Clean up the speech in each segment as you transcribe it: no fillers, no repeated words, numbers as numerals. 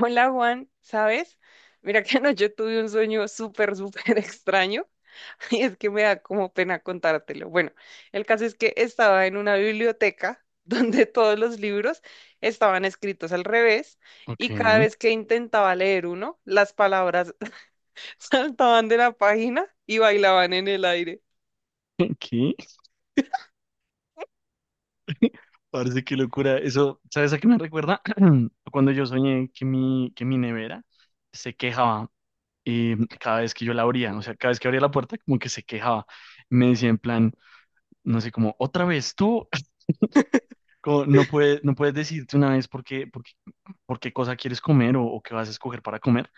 Hola Juan, ¿sabes? Mira que anoche tuve un sueño súper, súper extraño y es que me da como pena contártelo. Bueno, el caso es que estaba en una biblioteca donde todos los libros estaban escritos al revés Ok, y cada vez que intentaba leer uno, las palabras saltaban de la página y bailaban en el aire. ¿qué? Parece que locura. Eso, ¿sabes a qué me recuerda? Cuando yo soñé que mi nevera se quejaba cada vez que yo la abría, o sea, cada vez que abría la puerta como que se quejaba. Me decía en plan, no sé, como, otra vez tú, como, no puedes decirte una vez por qué cosa quieres comer o qué vas a escoger para comer.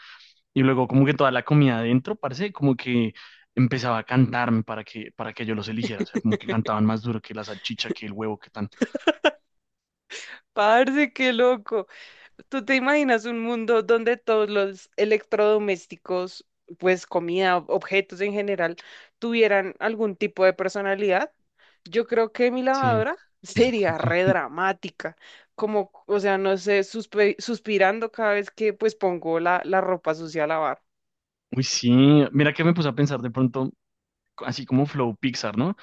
Y luego como que toda la comida adentro, parece como que empezaba a cantarme para que yo los eligiera, o sea, como que cantaban más duro que la salchicha, que el huevo, que tan. Parce, qué loco. ¿Tú te imaginas un mundo donde todos los electrodomésticos, pues comida, objetos en general, tuvieran algún tipo de personalidad? Yo creo que mi Sí. lavadora sería re dramática, como, o sea, no sé, suspirando cada vez que pues pongo la ropa sucia a lavar. Uy, sí. Mira que me puse a pensar de pronto, así como Flow Pixar, ¿no?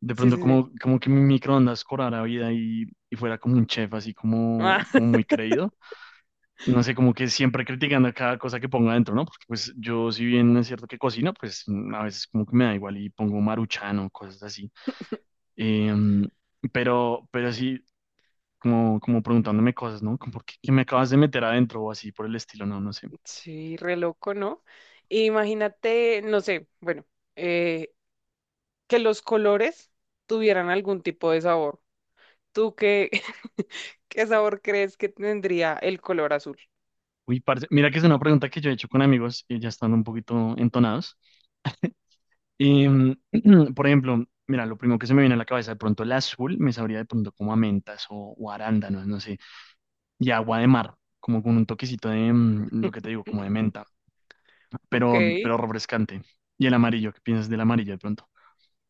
De Sí, pronto sí, sí. como, como que mi microondas cobrara vida y fuera como un chef, así Ah, como, como muy creído. No sé, como que siempre criticando a cada cosa que ponga adentro, ¿no? Porque pues yo, si bien es cierto que cocino, pues a veces como que me da igual y pongo Maruchan o cosas así. Em, pero sí, como, como preguntándome cosas, ¿no? Como, ¿por qué, qué me acabas de meter adentro o así por el estilo? No, no sé. sí, re loco, ¿no? Imagínate, no sé, bueno, eh, que los colores tuvieran algún tipo de sabor. ¿Tú qué, ¿Qué sabor crees que tendría el color azul? Uy, parce, mira que es una pregunta que yo he hecho con amigos y ya están un poquito entonados. Y, por ejemplo, mira, lo primero que se me viene a la cabeza, de pronto el azul me sabría de pronto como a mentas o arándanos, no sé, y agua de mar, como con un toquecito de, lo que te digo, como de menta, Ok. pero refrescante. Y el amarillo, ¿qué piensas del amarillo de pronto?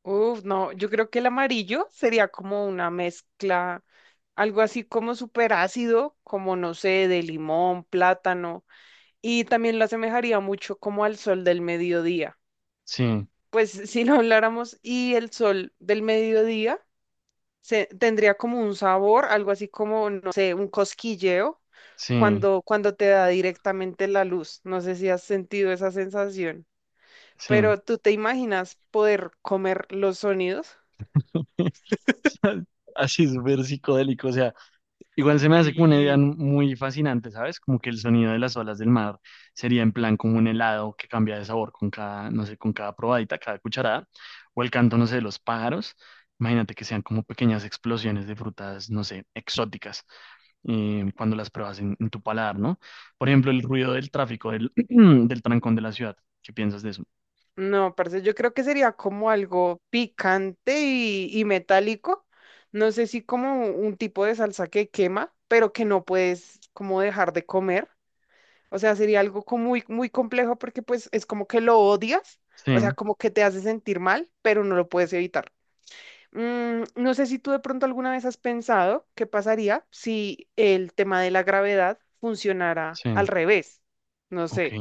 Uf, no, yo creo que el amarillo sería como una mezcla, algo así como súper ácido, como no sé, de limón, plátano, y también lo asemejaría mucho como al sol del mediodía. Sí, Pues si lo habláramos y el sol del mediodía tendría como un sabor, algo así como, no sé, un cosquilleo sí, cuando te da directamente la luz. No sé si has sentido esa sensación. sí. Pero ¿tú te imaginas poder comer los sonidos? Así súper psicodélico, o sea. Igual se me hace como una idea Sí. muy fascinante, ¿sabes? Como que el sonido de las olas del mar sería en plan como un helado que cambia de sabor con cada, no sé, con cada probadita, cada cucharada, o el canto, no sé, de los pájaros. Imagínate que sean como pequeñas explosiones de frutas, no sé, exóticas, cuando las pruebas en tu paladar, ¿no? Por ejemplo, el ruido del tráfico, del, del trancón de la ciudad. ¿Qué piensas de eso? No, parce, yo creo que sería como algo picante y metálico. No sé si como un tipo de salsa que quema, pero que no puedes como dejar de comer. O sea, sería algo como muy, muy complejo porque pues es como que lo odias, o sea, Sí, como que te hace sentir mal, pero no lo puedes evitar. No sé si tú de pronto alguna vez has pensado qué pasaría si el tema de la gravedad funcionara sí, al revés, no ok, sé,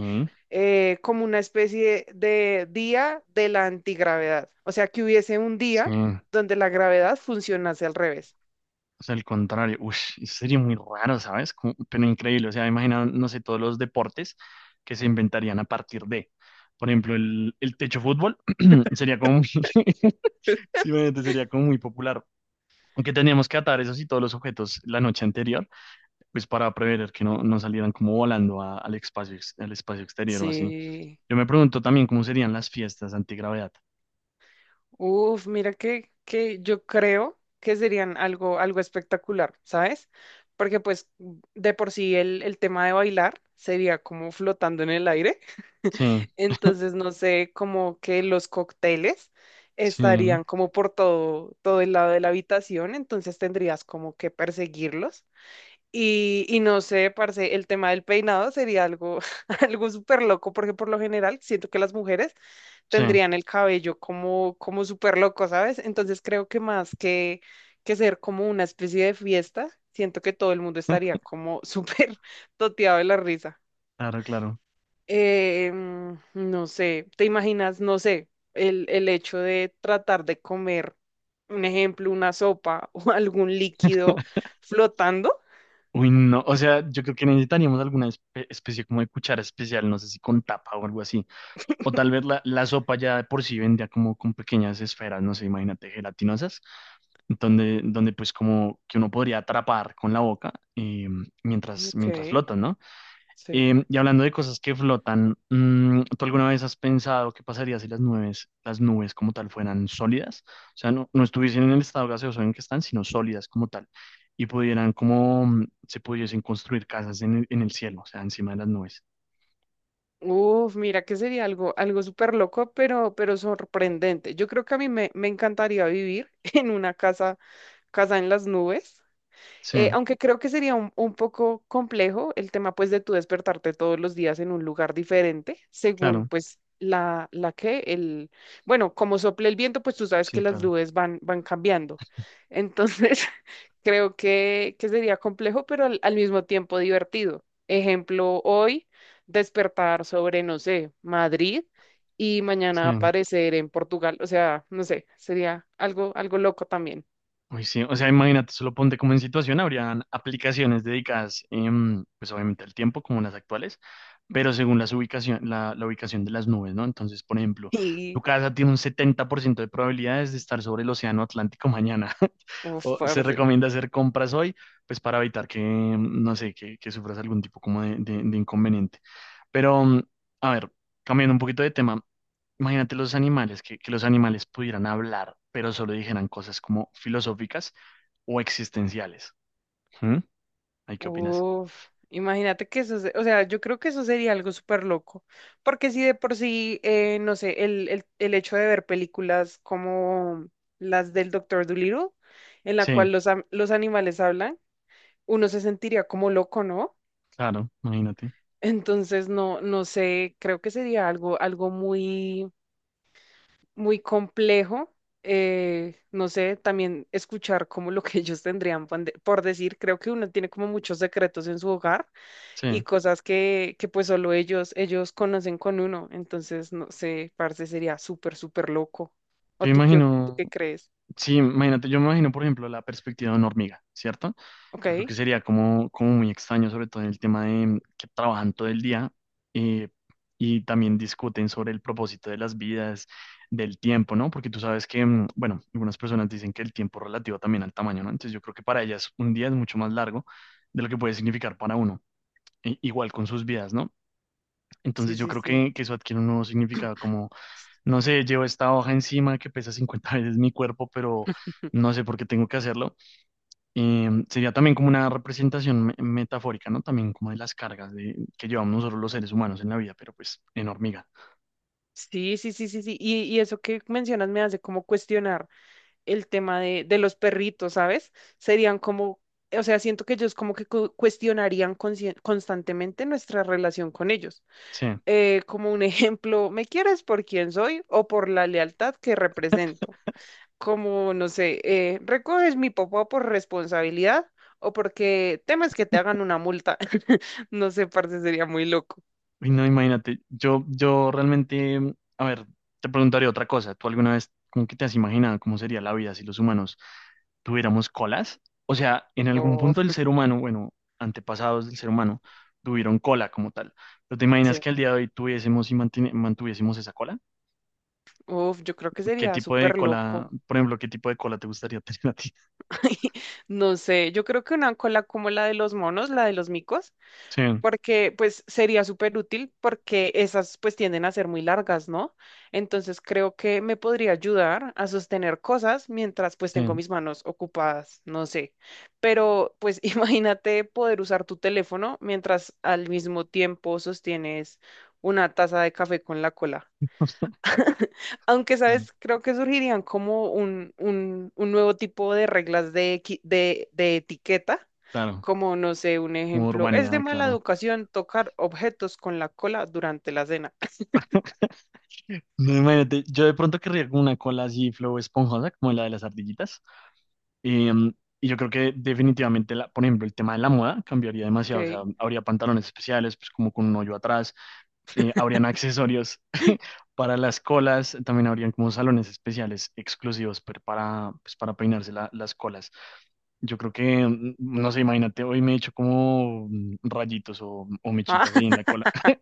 como una especie de día de la antigravedad, o sea, que hubiese un sí. día donde la gravedad funcionase al revés. O sea, al contrario, ush, eso sería muy raro, ¿sabes? Como- pero increíble, o sea, imagina, no sé, todos los deportes que se inventarían a partir de, por ejemplo, el techo fútbol sería como muy, sí, obviamente sería como muy popular, aunque teníamos que atar esos y todos los objetos la noche anterior, pues para prever que no, no salieran como volando a- al espacio, ex- al espacio exterior o así. Sí. Yo me pregunto también cómo serían las fiestas antigravedad. Uf, mira que yo creo que serían algo, algo espectacular, ¿sabes? Porque pues de por sí el tema de bailar sería como flotando en el aire. Sí, Entonces, no sé, como que los cócteles sí, estarían como por todo, todo el lado de la habitación, entonces tendrías como que perseguirlos. Y no sé, parce, el tema del peinado sería algo, algo súper loco, porque por lo general siento que las mujeres sí, tendrían el cabello como, como súper loco, ¿sabes? Entonces creo que más que ser como una especie de fiesta, siento que todo el mundo estaría como súper toteado de la risa. claro, claro. No sé, ¿te imaginas, no sé, el hecho de tratar de comer, un ejemplo, una sopa o algún líquido flotando? Uy, no, o sea, yo creo que necesitaríamos alguna espe- especie como de cuchara especial, no sé si con tapa o algo así. O tal vez la sopa ya de por sí vendía como con pequeñas esferas, no sé, imagínate, gelatinosas, donde pues como que uno podría atrapar con la boca mientras, Ok, mientras flotas, ¿no? sí. Em, y hablando de cosas que flotan, ¿tú alguna vez has pensado qué pasaría si las nubes como tal fueran sólidas? O sea, no, no estuviesen en el estado gaseoso en que están, sino sólidas como tal, y pudieran como se pudiesen construir casas en el cielo, o sea, encima de las nubes. Uf, mira que sería algo, algo súper loco, pero sorprendente. Yo creo que a mí me encantaría vivir en una casa, casa en las nubes. Sí, Aunque creo que sería un poco complejo el tema pues de tú despertarte todos los días en un lugar diferente, según claro, pues el, bueno, como sople el viento, pues tú sabes que sí, las claro. nubes van, van cambiando. Entonces, creo que sería complejo, pero al, al mismo tiempo divertido. Ejemplo, hoy despertar sobre, no sé, Madrid y mañana Sí. aparecer en Portugal. O sea, no sé, sería algo, algo loco también. Uy, sí, o sea, imagínate, solo ponte como en situación, habrían aplicaciones dedicadas, pues obviamente al tiempo, como las actuales, pero según las ubicación, la ubicación de las nubes, ¿no? Entonces, por ejemplo, tu Y casa tiene un 70% de probabilidades de estar sobre el océano Atlántico mañana, uf, o se parce. recomienda hacer compras hoy, pues para evitar que, no sé, que sufras algún tipo como de inconveniente. Pero, a ver, cambiando un poquito de tema, imagínate los animales, que los animales pudieran hablar, pero solo dijeran cosas como filosóficas o existenciales. ¿Mm? ¿Ay, qué opinas? Uf, imagínate que eso, o sea, yo creo que eso sería algo súper loco, porque si de por sí, no sé, el hecho de ver películas como las del Doctor Dolittle, en la Sí, cual los, los animales hablan, uno se sentiría como loco, ¿no? claro, imagínate. Entonces, no, no sé, creo que sería algo, algo muy, muy complejo. Eh, no sé, también escuchar como lo que ellos tendrían por por decir, creo que uno tiene como muchos secretos en su hogar y Sí, cosas que pues solo ellos, ellos conocen con uno. Entonces, no sé, parce, sería súper, súper loco. yo ¿O tú imagino, qué crees? sí, imagínate, yo me imagino, por ejemplo, la perspectiva de una hormiga, ¿cierto? ¿Ok? Yo creo que sería como, como muy extraño, sobre todo en el tema de que trabajan todo el día eh, y también discuten sobre el propósito de las vidas, del tiempo, ¿no? Porque tú sabes que, bueno, algunas personas dicen que el tiempo es relativo también al tamaño, ¿no? Entonces yo creo que para ellas un día es mucho más largo de lo que puede significar para uno, e- igual con sus vidas, ¿no? Entonces Sí, yo sí, creo sí. que eso adquiere un nuevo significado como no sé, llevo esta hoja encima que pesa 50 veces mi cuerpo, pero no sé por qué tengo que hacerlo. Sería también como una representación me- metafórica, ¿no? También como de las cargas de, que llevamos nosotros los seres humanos en la vida, pero pues en hormiga. Sí, sí, sí, sí, sí. Y eso que mencionas me hace como cuestionar el tema de los perritos, ¿sabes? Serían como, o sea, siento que ellos como que cuestionarían constantemente nuestra relación con ellos. Sí. Como un ejemplo, ¿me quieres por quién soy o por la lealtad que represento? Como, no sé, recoges mi popó por responsabilidad o porque temes que te hagan una multa. No sé, parce, sería muy loco. Uy, no, imagínate. Yo realmente, a ver, te preguntaría otra cosa. ¿Tú alguna vez, cómo que te has imaginado cómo sería la vida si los humanos tuviéramos colas? O sea, en algún punto Uf, el ser humano, bueno, antepasados del ser humano, tuvieron cola como tal. Pero ¿te imaginas sí. que al día de hoy tuviésemos y mantine- mantuviésemos esa cola? Uf, yo creo que ¿Qué sería tipo de súper loco. cola, por ejemplo, qué tipo de cola te gustaría tener a ti? No sé, yo creo que una cola como la de los monos, la de los micos. Sí, Porque pues sería súper útil porque esas pues tienden a ser muy largas, ¿no? Entonces creo que me podría ayudar a sostener cosas mientras pues tengo sí. mis manos ocupadas, no sé. Pero pues imagínate poder usar tu teléfono mientras al mismo tiempo sostienes una taza de café con la cola. Aunque, Claro, ¿sabes? Creo que surgirían como un nuevo tipo de reglas de, de etiqueta, claro. como, no sé, un Como ejemplo, es de urbanidad, mala claro. educación tocar objetos con la cola durante la cena. No, imagínate, yo de pronto querría como una cola así flow esponjosa, como la de las ardillitas. Eh, y yo creo que definitivamente, la, por ejemplo, el tema de la moda cambiaría demasiado. O sea, Ok. habría pantalones especiales, pues como con un hoyo atrás, habrían accesorios para las colas, también habrían como salones especiales exclusivos per- para, pues, para peinarse la- las colas. Yo creo que, no sé, imagínate, hoy me he hecho como rayitos o Ah, mechitas ahí en la cola.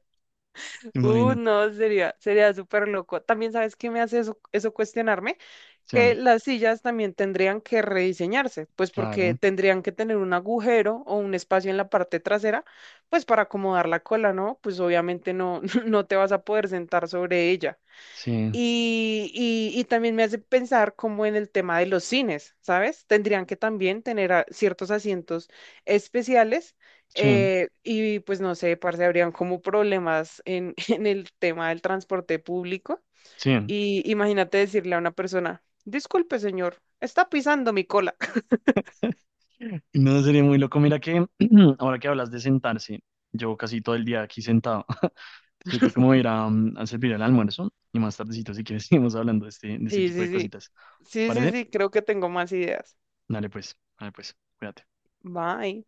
Imagínate. no, sería súper loco. También, ¿sabes qué me hace eso cuestionarme? Sí, Que las sillas también tendrían que rediseñarse, pues porque claro, tendrían que tener un agujero o un espacio en la parte trasera, pues para acomodar la cola, ¿no? Pues obviamente no, no te vas a poder sentar sobre ella. sí, Y también me hace pensar como en el tema de los cines, ¿sabes? Tendrían que también tener ciertos asientos especiales, sí, y pues no sé, parce, habrían como problemas en, en el tema del transporte público sí. y imagínate decirle a una persona, disculpe, señor, está pisando mi cola. No sería muy loco. Mira que ahora que hablas de sentarse, llevo casi todo el día aquí sentado. Yo creo que me voy a ir a, a servir el almuerzo y más tardecito, si quieres, seguimos hablando de este Sí, tipo sí, de sí. cositas. Sí, sí, ¿Parece? sí, creo que tengo más ideas. Dale pues, cuídate. Bye.